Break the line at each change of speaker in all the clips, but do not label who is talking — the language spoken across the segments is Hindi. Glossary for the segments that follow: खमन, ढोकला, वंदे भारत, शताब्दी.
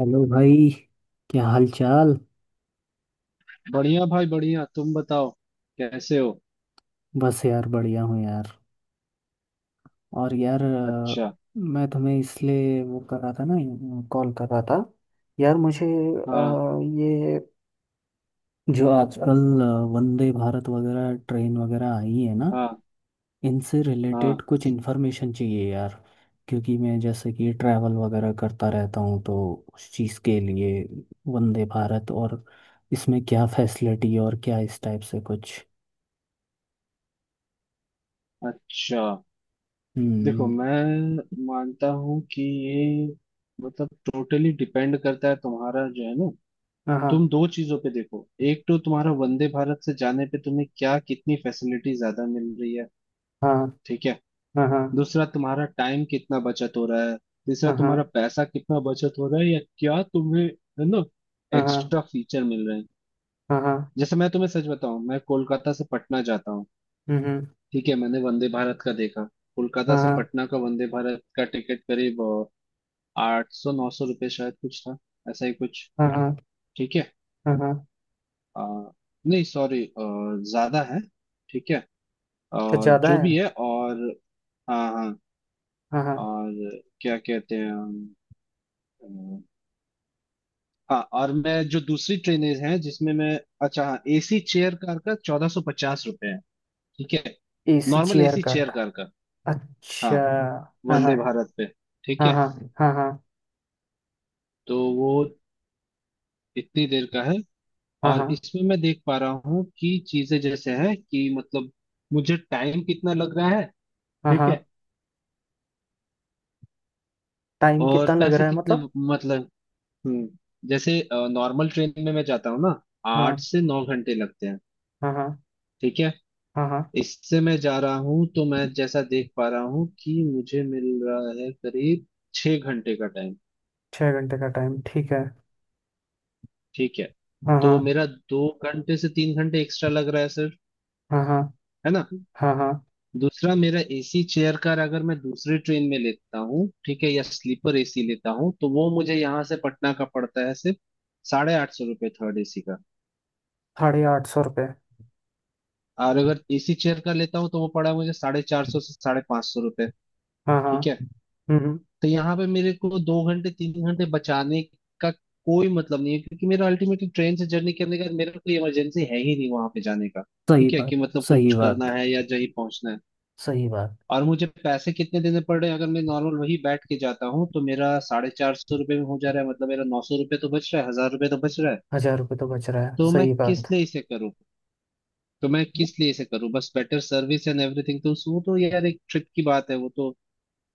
हेलो भाई। क्या हाल चाल।
बढ़िया भाई बढ़िया। तुम बताओ कैसे हो।
बस यार बढ़िया हूँ यार। और यार
अच्छा
मैं तुम्हें इसलिए वो कर रहा था ना। कॉल कर रहा था। यार मुझे
हाँ
ये जो आजकल वंदे भारत वगैरह ट्रेन वगैरह आई है ना।
हाँ
इनसे
हाँ
रिलेटेड कुछ इन्फॉर्मेशन चाहिए यार। क्योंकि मैं जैसे कि ट्रैवल वगैरह करता रहता हूँ तो उस चीज़ के लिए वंदे भारत और इसमें क्या फैसिलिटी और क्या इस टाइप से कुछ।
अच्छा। देखो
हम्म।
मैं मानता हूँ कि ये मतलब टोटली डिपेंड करता है तुम्हारा, जो है ना। तुम दो चीजों पे देखो, एक तो तुम्हारा वंदे भारत से जाने पे तुम्हें क्या कितनी फैसिलिटी ज्यादा मिल रही है।
हाँ।
ठीक है।
हाँ हाँ।
दूसरा तुम्हारा टाइम कितना बचत हो रहा है। तीसरा तुम्हारा
हाँ
पैसा कितना बचत हो रहा है, या क्या तुम्हें है ना
हाँ हाँ। हाँ
एक्स्ट्रा फीचर मिल रहे हैं।
हाँ। हाँ
जैसे मैं तुम्हें सच बताऊं, मैं कोलकाता से पटना जाता हूँ।
हम्म।
ठीक है। मैंने वंदे भारत का देखा। कोलकाता से
हाँ
पटना का वंदे भारत का टिकट करीब 800/900 रुपये शायद कुछ था, ऐसा ही कुछ।
हाँ हाँ।
ठीक है।
हाँ हाँ।
अ, नहीं सॉरी, ज्यादा है। ठीक है। अ,
अच्छा ज्यादा
जो
है।
भी है और हाँ हाँ।
हाँ हाँ।
और क्या कहते हैं अ, हाँ, और मैं जो दूसरी ट्रेनें हैं जिसमें मैं, अच्छा हाँ एसी चेयर कार का 1450 रुपये है। ठीक है।
एसी
नॉर्मल
चेयर
एसी
का
चेयर कार का
अच्छा।
हाँ,
हाँ
वंदे
हाँ।
भारत पे। ठीक
हाँ
है।
हाँ। हाँ हाँ।
तो वो इतनी देर का है।
हाँ
और
हाँ।
इसमें मैं देख पा रहा हूँ कि चीजें जैसे है, कि मतलब मुझे टाइम कितना लग रहा है।
हाँ
ठीक
हाँ।
है।
टाइम
और
कितना लग
पैसे
रहा है
कितने,
मतलब।
मतलब, हम्म जैसे नॉर्मल ट्रेन में मैं जाता हूँ ना, आठ
हाँ
से नौ घंटे लगते हैं।
हाँ। हाँ
ठीक है।
हाँ। हाँ।
इससे मैं जा रहा हूँ तो मैं जैसा देख पा रहा हूँ कि मुझे मिल रहा है करीब 6 घंटे का टाइम।
6 घंटे का टाइम ठीक है।
ठीक है।
हाँ
तो
हाँ
मेरा दो घंटे से तीन घंटे एक्स्ट्रा लग रहा है सर,
हाँ। हाँ
है ना।
हाँ। हाँ।
दूसरा मेरा एसी चेयर का अगर मैं दूसरी ट्रेन में लेता हूँ, ठीक है, या स्लीपर एसी लेता हूँ, तो वो मुझे यहाँ से पटना का पड़ता है सिर्फ 850 रुपये, थर्ड एसी का।
850 रुपये।
और अगर एसी चेयर का लेता हूँ तो वो पड़ा मुझे 450 से 550 रुपये।
हाँ हाँ।
ठीक है।
हम्म।
तो यहाँ पे मेरे को दो घंटे तीन घंटे बचाने का कोई मतलब नहीं है, क्योंकि मेरा अल्टीमेटली ट्रेन से जर्नी करने का मेरा कोई इमरजेंसी है ही नहीं वहां पे जाने का।
सही
ठीक है कि
बात।
मतलब
सही
कुछ
बात।
करना है या जल्दी पहुंचना है।
सही बात।
और मुझे पैसे कितने देने पड़ रहे हैं, अगर मैं नॉर्मल वही बैठ के जाता हूँ तो मेरा साढ़े चार सौ रुपये में हो जा रहा है, मतलब मेरा 900 रुपये तो बच रहा है, 1000 रुपये तो बच रहा है।
1,000 रुपये तो बच रहा है,
तो मैं
सही
किस
बात।
लिए इसे करूँ। तो मैं किस लिए इसे करूँ, बस बेटर सर्विस एंड एवरीथिंग, तो वो तो यार एक ट्रिप की बात है, वो तो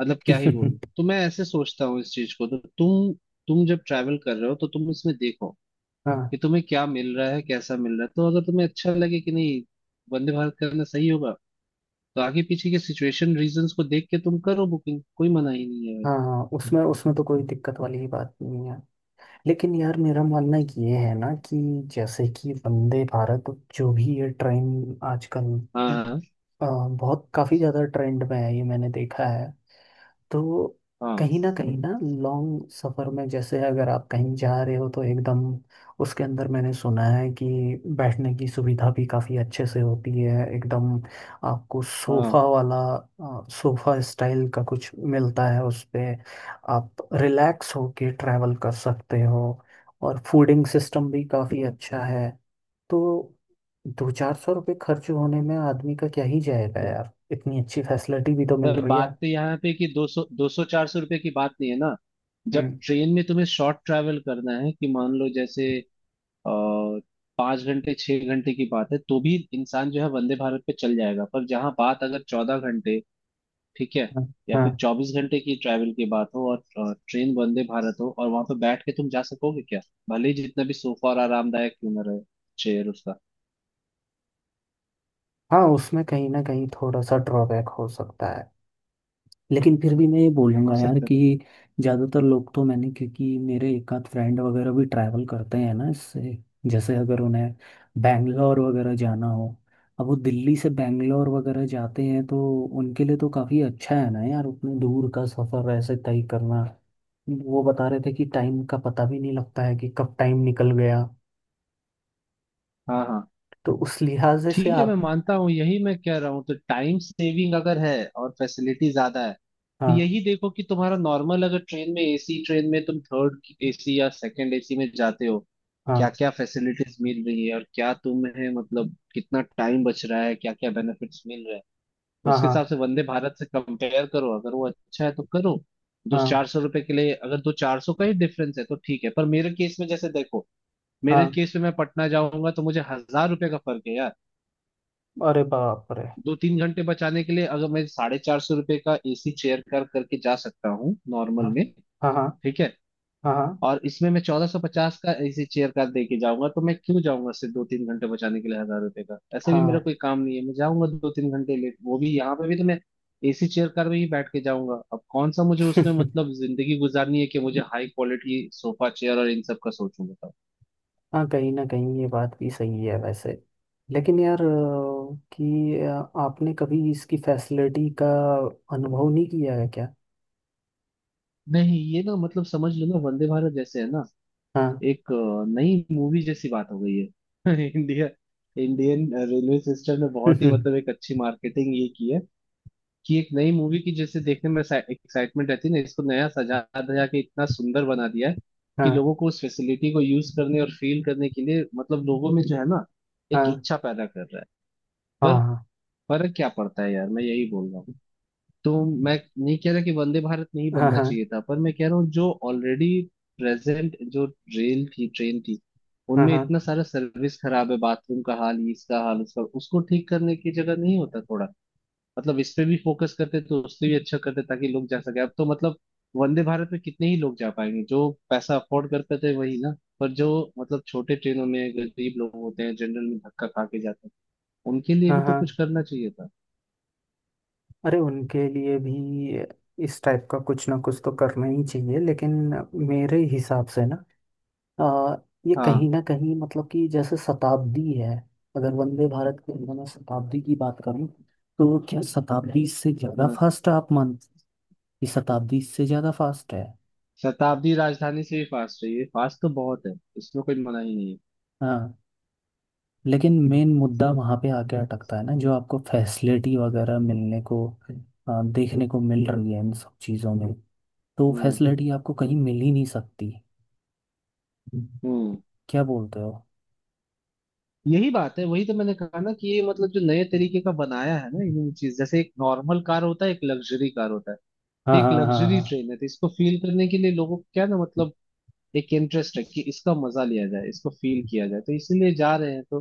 मतलब क्या ही बोलूं। तो मैं ऐसे सोचता हूँ इस चीज को। तो तुम जब ट्रैवल कर रहे हो तो तुम इसमें देखो
हाँ।
कि तुम्हें क्या मिल रहा है, कैसा मिल रहा है, तो अगर तुम्हें अच्छा लगे कि नहीं वंदे भारत करना सही होगा, तो आगे पीछे के सिचुएशन रीजंस को देख के तुम करो बुकिंग, कोई मना ही नहीं है।
हाँ हाँ उसमें उसमें तो कोई दिक्कत वाली ही बात नहीं है। लेकिन यार मेरा मानना ये है ना कि जैसे कि वंदे भारत जो भी ये ट्रेन आजकल
हाँ हाँ
अ, बहुत काफ़ी ज़्यादा ट्रेंड में है ये मैंने देखा है। तो
हाँ
कहीं ना लॉन्ग सफ़र में जैसे अगर आप कहीं जा रहे हो तो एकदम उसके अंदर मैंने सुना है कि बैठने की सुविधा भी काफ़ी अच्छे से होती है एकदम। आपको
हाँ हाँ।
सोफ़ा वाला सोफ़ा स्टाइल का कुछ मिलता है उस पे। आप रिलैक्स होके ट्रैवल कर सकते हो और फूडिंग सिस्टम भी काफ़ी अच्छा है। तो दो चार सौ रुपये खर्च होने में आदमी का क्या ही जाएगा यार, इतनी अच्छी फैसिलिटी भी तो मिल
पर
रही
बात
है।
तो यहाँ पे कि दो सौ चार सौ रुपये की बात नहीं है ना। जब
हम्म।
ट्रेन में तुम्हें शॉर्ट ट्रैवल करना है, कि मान लो जैसे अ, 5 घंटे 6 घंटे की बात है तो भी इंसान जो है वंदे भारत पे चल जाएगा। पर जहाँ बात अगर 14 घंटे, ठीक है,
हाँ
या
हाँ
फिर 24 घंटे की ट्रैवल की बात हो, और ट्रेन वंदे भारत हो, और वहां पे बैठ के तुम जा सकोगे क्या, भले ही जितना भी सोफा और आरामदायक क्यों ना रहे चेयर उसका।
हाँ, उसमें कहीं ना कहीं थोड़ा सा ड्रॉबैक हो सकता है। लेकिन फिर भी मैं ये
हो
बोलूँगा यार
सकता
कि
है।
ज़्यादातर लोग तो मैंने, क्योंकि मेरे एक आध फ्रेंड वगैरह भी ट्रैवल करते हैं ना इससे, जैसे अगर उन्हें बैंगलोर वगैरह जाना हो, अब वो दिल्ली से बैंगलोर वगैरह जाते हैं तो उनके लिए तो काफ़ी अच्छा है ना यार उतने दूर का सफ़र ऐसे तय करना। वो बता रहे थे कि टाइम का पता भी नहीं लगता है कि कब टाइम निकल गया।
हाँ हाँ।
तो उस लिहाजे से
ठीक है मैं
आप।
मानता हूँ, यही मैं कह रहा हूँ। तो टाइम सेविंग अगर है और फैसिलिटी ज्यादा है, तो
हाँ
यही देखो कि तुम्हारा नॉर्मल अगर ट्रेन में, एसी ट्रेन में तुम थर्ड एसी या सेकंड एसी में जाते हो, क्या
हाँ।
क्या फैसिलिटीज मिल रही है, और क्या तुम्हें मतलब कितना टाइम बच रहा है, क्या क्या बेनिफिट्स मिल रहे हैं,
हाँ
उसके
हाँ।
हिसाब से वंदे भारत से कंपेयर करो। अगर वो अच्छा है तो करो। दो
हाँ
चार सौ रुपए के लिए, अगर दो चार सौ का ही डिफरेंस है तो ठीक है। पर मेरे केस में जैसे देखो, मेरे
हाँ।
केस में मैं पटना जाऊंगा तो मुझे 1000 रुपए का फर्क है यार।
अरे बाप रे।
दो तीन घंटे बचाने के लिए अगर मैं 450 रुपये का एसी चेयर कार करके जा सकता हूँ
हाँ
नॉर्मल में,
हाँ। हाँ
ठीक है,
हाँ। हाँ।
और इसमें मैं 1450 का एसी चेयर कार दे के जाऊंगा, तो मैं क्यों जाऊंगा सिर्फ दो तीन घंटे बचाने के लिए, 1000 रुपए का ऐसे भी मेरा कोई काम नहीं है। मैं जाऊंगा दो तीन घंटे लेट, वो भी यहाँ पे भी तो मैं एसी चेयर कार में ही बैठ के जाऊंगा। अब कौन सा मुझे उसमें
हाँ।
मतलब जिंदगी गुजारनी है, कि मुझे हाई क्वालिटी सोफा चेयर और इन सब का सोचूं, बताओ।
हाँ कहीं ना कहीं ये बात भी सही है वैसे। लेकिन यार कि आपने कभी इसकी फैसिलिटी का अनुभव नहीं किया है क्या।
नहीं ये ना मतलब समझ लो ना, वंदे भारत जैसे है ना
हाँ।
एक नई मूवी जैसी बात हो गई है। इंडिया, इंडियन रेलवे सिस्टम ने बहुत ही
हाँ।
मतलब एक अच्छी मार्केटिंग ये की है, कि एक नई मूवी की जैसे देखने में एक्साइटमेंट रहती है ना, इसको नया सजा धजा के इतना सुंदर बना दिया है कि लोगों को उस फैसिलिटी को यूज करने और फील करने के लिए मतलब लोगों में जो है ना एक
हाँ
इच्छा पैदा कर रहा है। पर
हाँ।
फर्क क्या पड़ता है यार, मैं यही बोल रहा हूँ। तो मैं नहीं कह रहा कि वंदे भारत नहीं
हाँ
बनना
हाँ।
चाहिए था, पर मैं कह रहा हूँ जो ऑलरेडी प्रेजेंट जो रेल थी, ट्रेन थी,
हाँ
उनमें
हाँ।
इतना सारा सर्विस खराब है, बाथरूम का हाल, ये इसका हाल उसका, उसको ठीक करने की जगह नहीं होता थोड़ा मतलब इस पे भी फोकस करते तो उससे भी अच्छा करते, ताकि लोग जा सके। अब तो मतलब वंदे भारत में कितने ही लोग जा पाएंगे, जो पैसा अफोर्ड कर पाते वही ना। पर जो मतलब छोटे ट्रेनों में गरीब लोग होते हैं, जनरल में धक्का खा के जाते हैं, उनके लिए भी
हाँ
तो
हाँ।
कुछ करना चाहिए था।
अरे उनके लिए भी इस टाइप का कुछ ना कुछ तो करना ही चाहिए लेकिन मेरे हिसाब से ना, अ, ये कहीं
हाँ
ना कहीं मतलब कि जैसे शताब्दी है। अगर वंदे भारत के अंदर मैं शताब्दी की बात करूं तो क्या शताब्दी से ज़्यादा
हाँ।
फास्ट आप मानते हैं कि शताब्दी से ज़्यादा फास्ट है।
शताब्दी राजधानी से भी फास्ट है, ये फास्ट तो बहुत है, इसमें कोई मना ही नहीं है।
हाँ लेकिन मेन मुद्दा वहाँ पे आके अटकता है ना जो आपको फैसिलिटी वगैरह मिलने को देखने को मिल रही है इन सब चीज़ों में। तो
हम्म
फैसिलिटी आपको कहीं मिल ही नहीं सकती।
हम्म।
क्या बोलते हो।
यही बात है, वही तो मैंने कहा ना कि ये मतलब जो नए तरीके का बनाया है ना इन्होंने, चीज जैसे एक नॉर्मल कार होता है, एक लग्जरी कार होता है, तो
हाँ
एक
हाँ हाँ हाँ
लग्जरी
हाँ।
ट्रेन है, तो इसको फील करने के लिए लोगों को क्या ना मतलब एक इंटरेस्ट है, कि इसका मजा लिया जाए, इसको फील किया जाए, तो इसीलिए जा रहे हैं। तो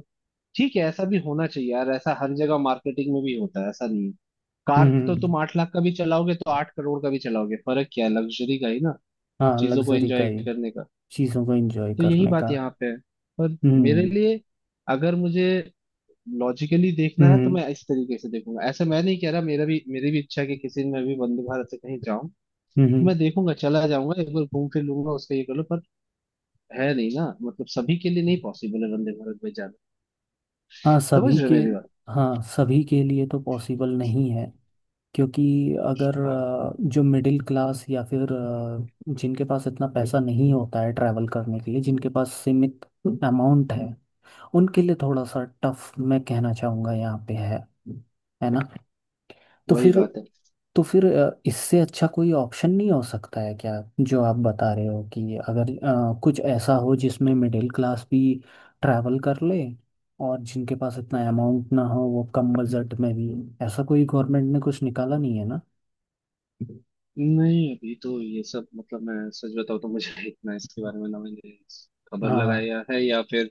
ठीक है, ऐसा भी होना चाहिए यार, ऐसा हर जगह मार्केटिंग में भी होता है, ऐसा नहीं है।
हम्म
कार
हम्म,
तो
हम्म।
तुम आठ लाख का भी चलाओगे तो आठ करोड़ का भी चलाओगे, फर्क क्या है, लग्जरी का ही ना।
हाँ
चीजों को
लग्जरी का
एंजॉय
ही।
करने का।
चीज़ों को एंजॉय
तो यही
करने
बात
का।
यहाँ पे है। पर मेरे
हम्म
लिए, अगर मुझे लॉजिकली देखना है
हम्म।
तो मैं इस तरीके से देखूंगा। ऐसा मैं नहीं कह रहा, मेरा भी, मेरी भी इच्छा है कि किसी दिन मैं भी वंदे भारत से कहीं जाऊं,
हम्म,
तो
हम्म।
मैं देखूंगा, चला जाऊंगा एक बार, घूम फिर लूंगा उसका, ये कर लो। पर है नहीं ना, मतलब सभी के लिए नहीं पॉसिबल है वंदे भारत में जाना।
हाँ
समझ
सभी
रहे हो
के।
मेरी बात।
हाँ सभी के लिए तो पॉसिबल नहीं है। क्योंकि अगर
हाँ
जो मिडिल क्लास या फिर जिनके पास इतना पैसा नहीं होता है ट्रैवल करने के लिए, जिनके पास सीमित अमाउंट है, उनके लिए थोड़ा सा टफ मैं कहना चाहूँगा यहाँ पे है ना। तो
वही
फिर,
बात है।
तो फिर इससे अच्छा कोई ऑप्शन नहीं हो सकता है क्या जो आप बता रहे हो कि अगर कुछ ऐसा हो जिसमें मिडिल क्लास भी ट्रैवल कर ले और जिनके पास इतना अमाउंट ना हो वो कम बजट में भी, ऐसा कोई गवर्नमेंट ने कुछ निकाला नहीं है ना।
नहीं अभी तो ये सब मतलब मैं सच बताऊं तो मुझे इतना इसके बारे में ना मैंने खबर
हाँ।
लगाया है या फिर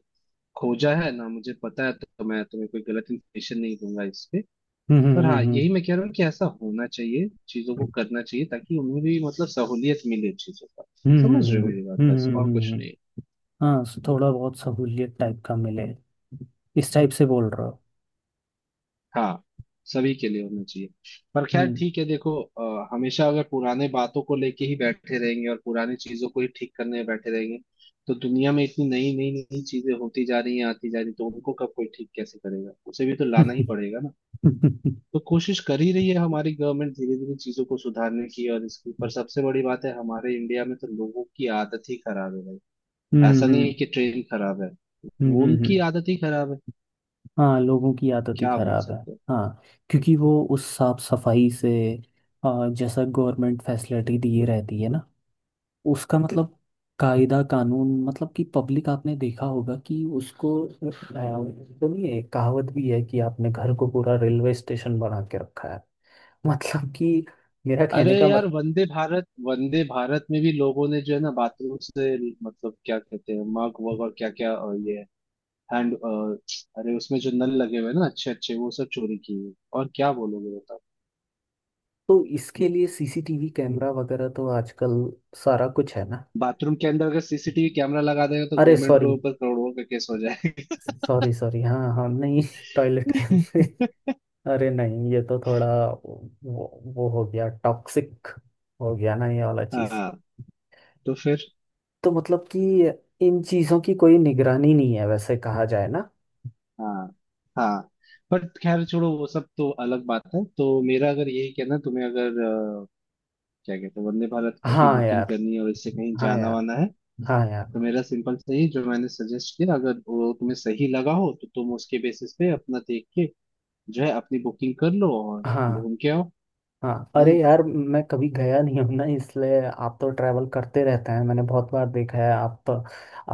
खोजा है ना मुझे पता है, तो मैं तुम्हें कोई गलत इन्फॉर्मेशन नहीं दूंगा इस पे। पर हाँ,
हम्म।
यही मैं कह रहा हूँ कि ऐसा होना चाहिए, चीजों को करना चाहिए, ताकि उन्हें भी मतलब सहूलियत मिले चीजों का। समझ रहे हो
हम्म।
मेरी बात, बस
हम्म, हम्म।
और
हम्म, हम्म।
कुछ
हम्म।
नहीं।
हाँ सो थोड़ा बहुत सहूलियत टाइप का मिले इस टाइप से बोल रहे हो।
हाँ, सभी के लिए होना चाहिए। पर खैर
हम्म।
ठीक है देखो, हमेशा अगर पुराने बातों को लेके ही बैठे रहेंगे और पुरानी चीजों को ही ठीक करने में बैठे रहेंगे, तो दुनिया में इतनी नई नई नई चीजें होती जा रही हैं, आती जा रही हैं, तो उनको कब कोई ठीक कैसे करेगा, उसे भी तो लाना ही पड़ेगा ना।
हम्म
तो कोशिश कर ही रही है हमारी गवर्नमेंट धीरे धीरे चीजों को सुधारने की और इसकी। पर सबसे बड़ी बात है, हमारे इंडिया में तो लोगों की आदत ही खराब है भाई। ऐसा नहीं
हम्म।
है कि ट्रेन खराब है,
हम्म,
वो
हम्म,
उनकी
हम्म।
आदत ही खराब है,
हाँ लोगों की आदत ही
क्या बोल
खराब है।
सकते हैं।
हाँ क्योंकि वो उस साफ सफाई से जैसा गवर्नमेंट फैसिलिटी दी रहती है ना उसका मतलब कायदा कानून मतलब कि पब्लिक आपने देखा होगा कि उसको सुनिए एक कहावत भी है कि आपने घर को पूरा रेलवे स्टेशन बना के रखा है। मतलब कि मेरा
अरे
कहने का
यार
मत।
वंदे भारत, वंदे भारत में भी लोगों ने जो है ना बाथरूम से, मतलब क्या कहते हैं, मग वग और क्या क्या, ये हैंड, अरे उसमें जो नल लगे हुए हैं ना अच्छे अच्छे, वो सब चोरी किए हैं। और क्या बोलोगे बताओ।
तो इसके लिए सीसीटीवी कैमरा वगैरह तो आजकल सारा कुछ है ना।
बाथरूम के अंदर अगर सीसीटीवी कैमरा लगा देगा तो
अरे
गवर्नमेंट
सॉरी।
के ऊपर करोड़ों का केस हो जाएगा।
सॉरी सॉरी, हाँ हाँ नहीं टॉयलेट के अंदर। अरे नहीं ये तो थोड़ा वो हो गया टॉक्सिक हो गया ना ये वाला चीज।
हाँ। तो फिर
तो मतलब कि इन चीजों की कोई निगरानी नहीं है वैसे कहा जाए ना।
हाँ हाँ, बट खैर छोड़ो, वो सब तो अलग बात है। तो मेरा अगर यही कहना है, तुम्हें अगर अ, क्या कहते हैं वंदे भारत की
हाँ
बुकिंग
यार।
करनी है और इससे कहीं
हाँ
जाना
यार।
वाना है,
हाँ यार।
तो मेरा सिंपल से ही जो मैंने सजेस्ट किया, अगर वो तुम्हें सही लगा हो तो तुम उसके बेसिस पे अपना देख के जो है अपनी बुकिंग कर लो और
हाँ
घूम के आओ।
हाँ।
है
अरे
ना।
यार मैं कभी गया नहीं हूँ ना इसलिए, आप तो ट्रैवल करते रहते हैं मैंने बहुत बार देखा है आप तो,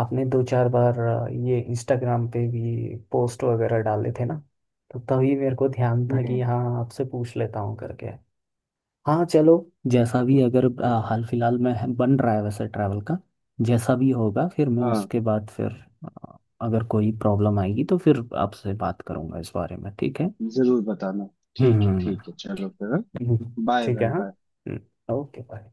आपने दो चार बार ये इंस्टाग्राम पे भी पोस्ट वगैरह डाले थे ना तो तभी मेरे को ध्यान था कि
हम्म
हाँ आपसे पूछ लेता हूँ करके। हाँ चलो, जैसा भी अगर हाल फिलहाल में बन रहा है वैसे ट्रैवल का, जैसा भी होगा फिर मैं
हाँ,
उसके बाद फिर आ, अगर कोई प्रॉब्लम आएगी तो फिर आपसे बात करूंगा इस बारे में, ठीक है।
जरूर बताना।
हम्म
ठीक है
हम्म,
ठीक है, चलो फिर। बाय
ठीक है
भाई बाय।
हाँ ओके बाय।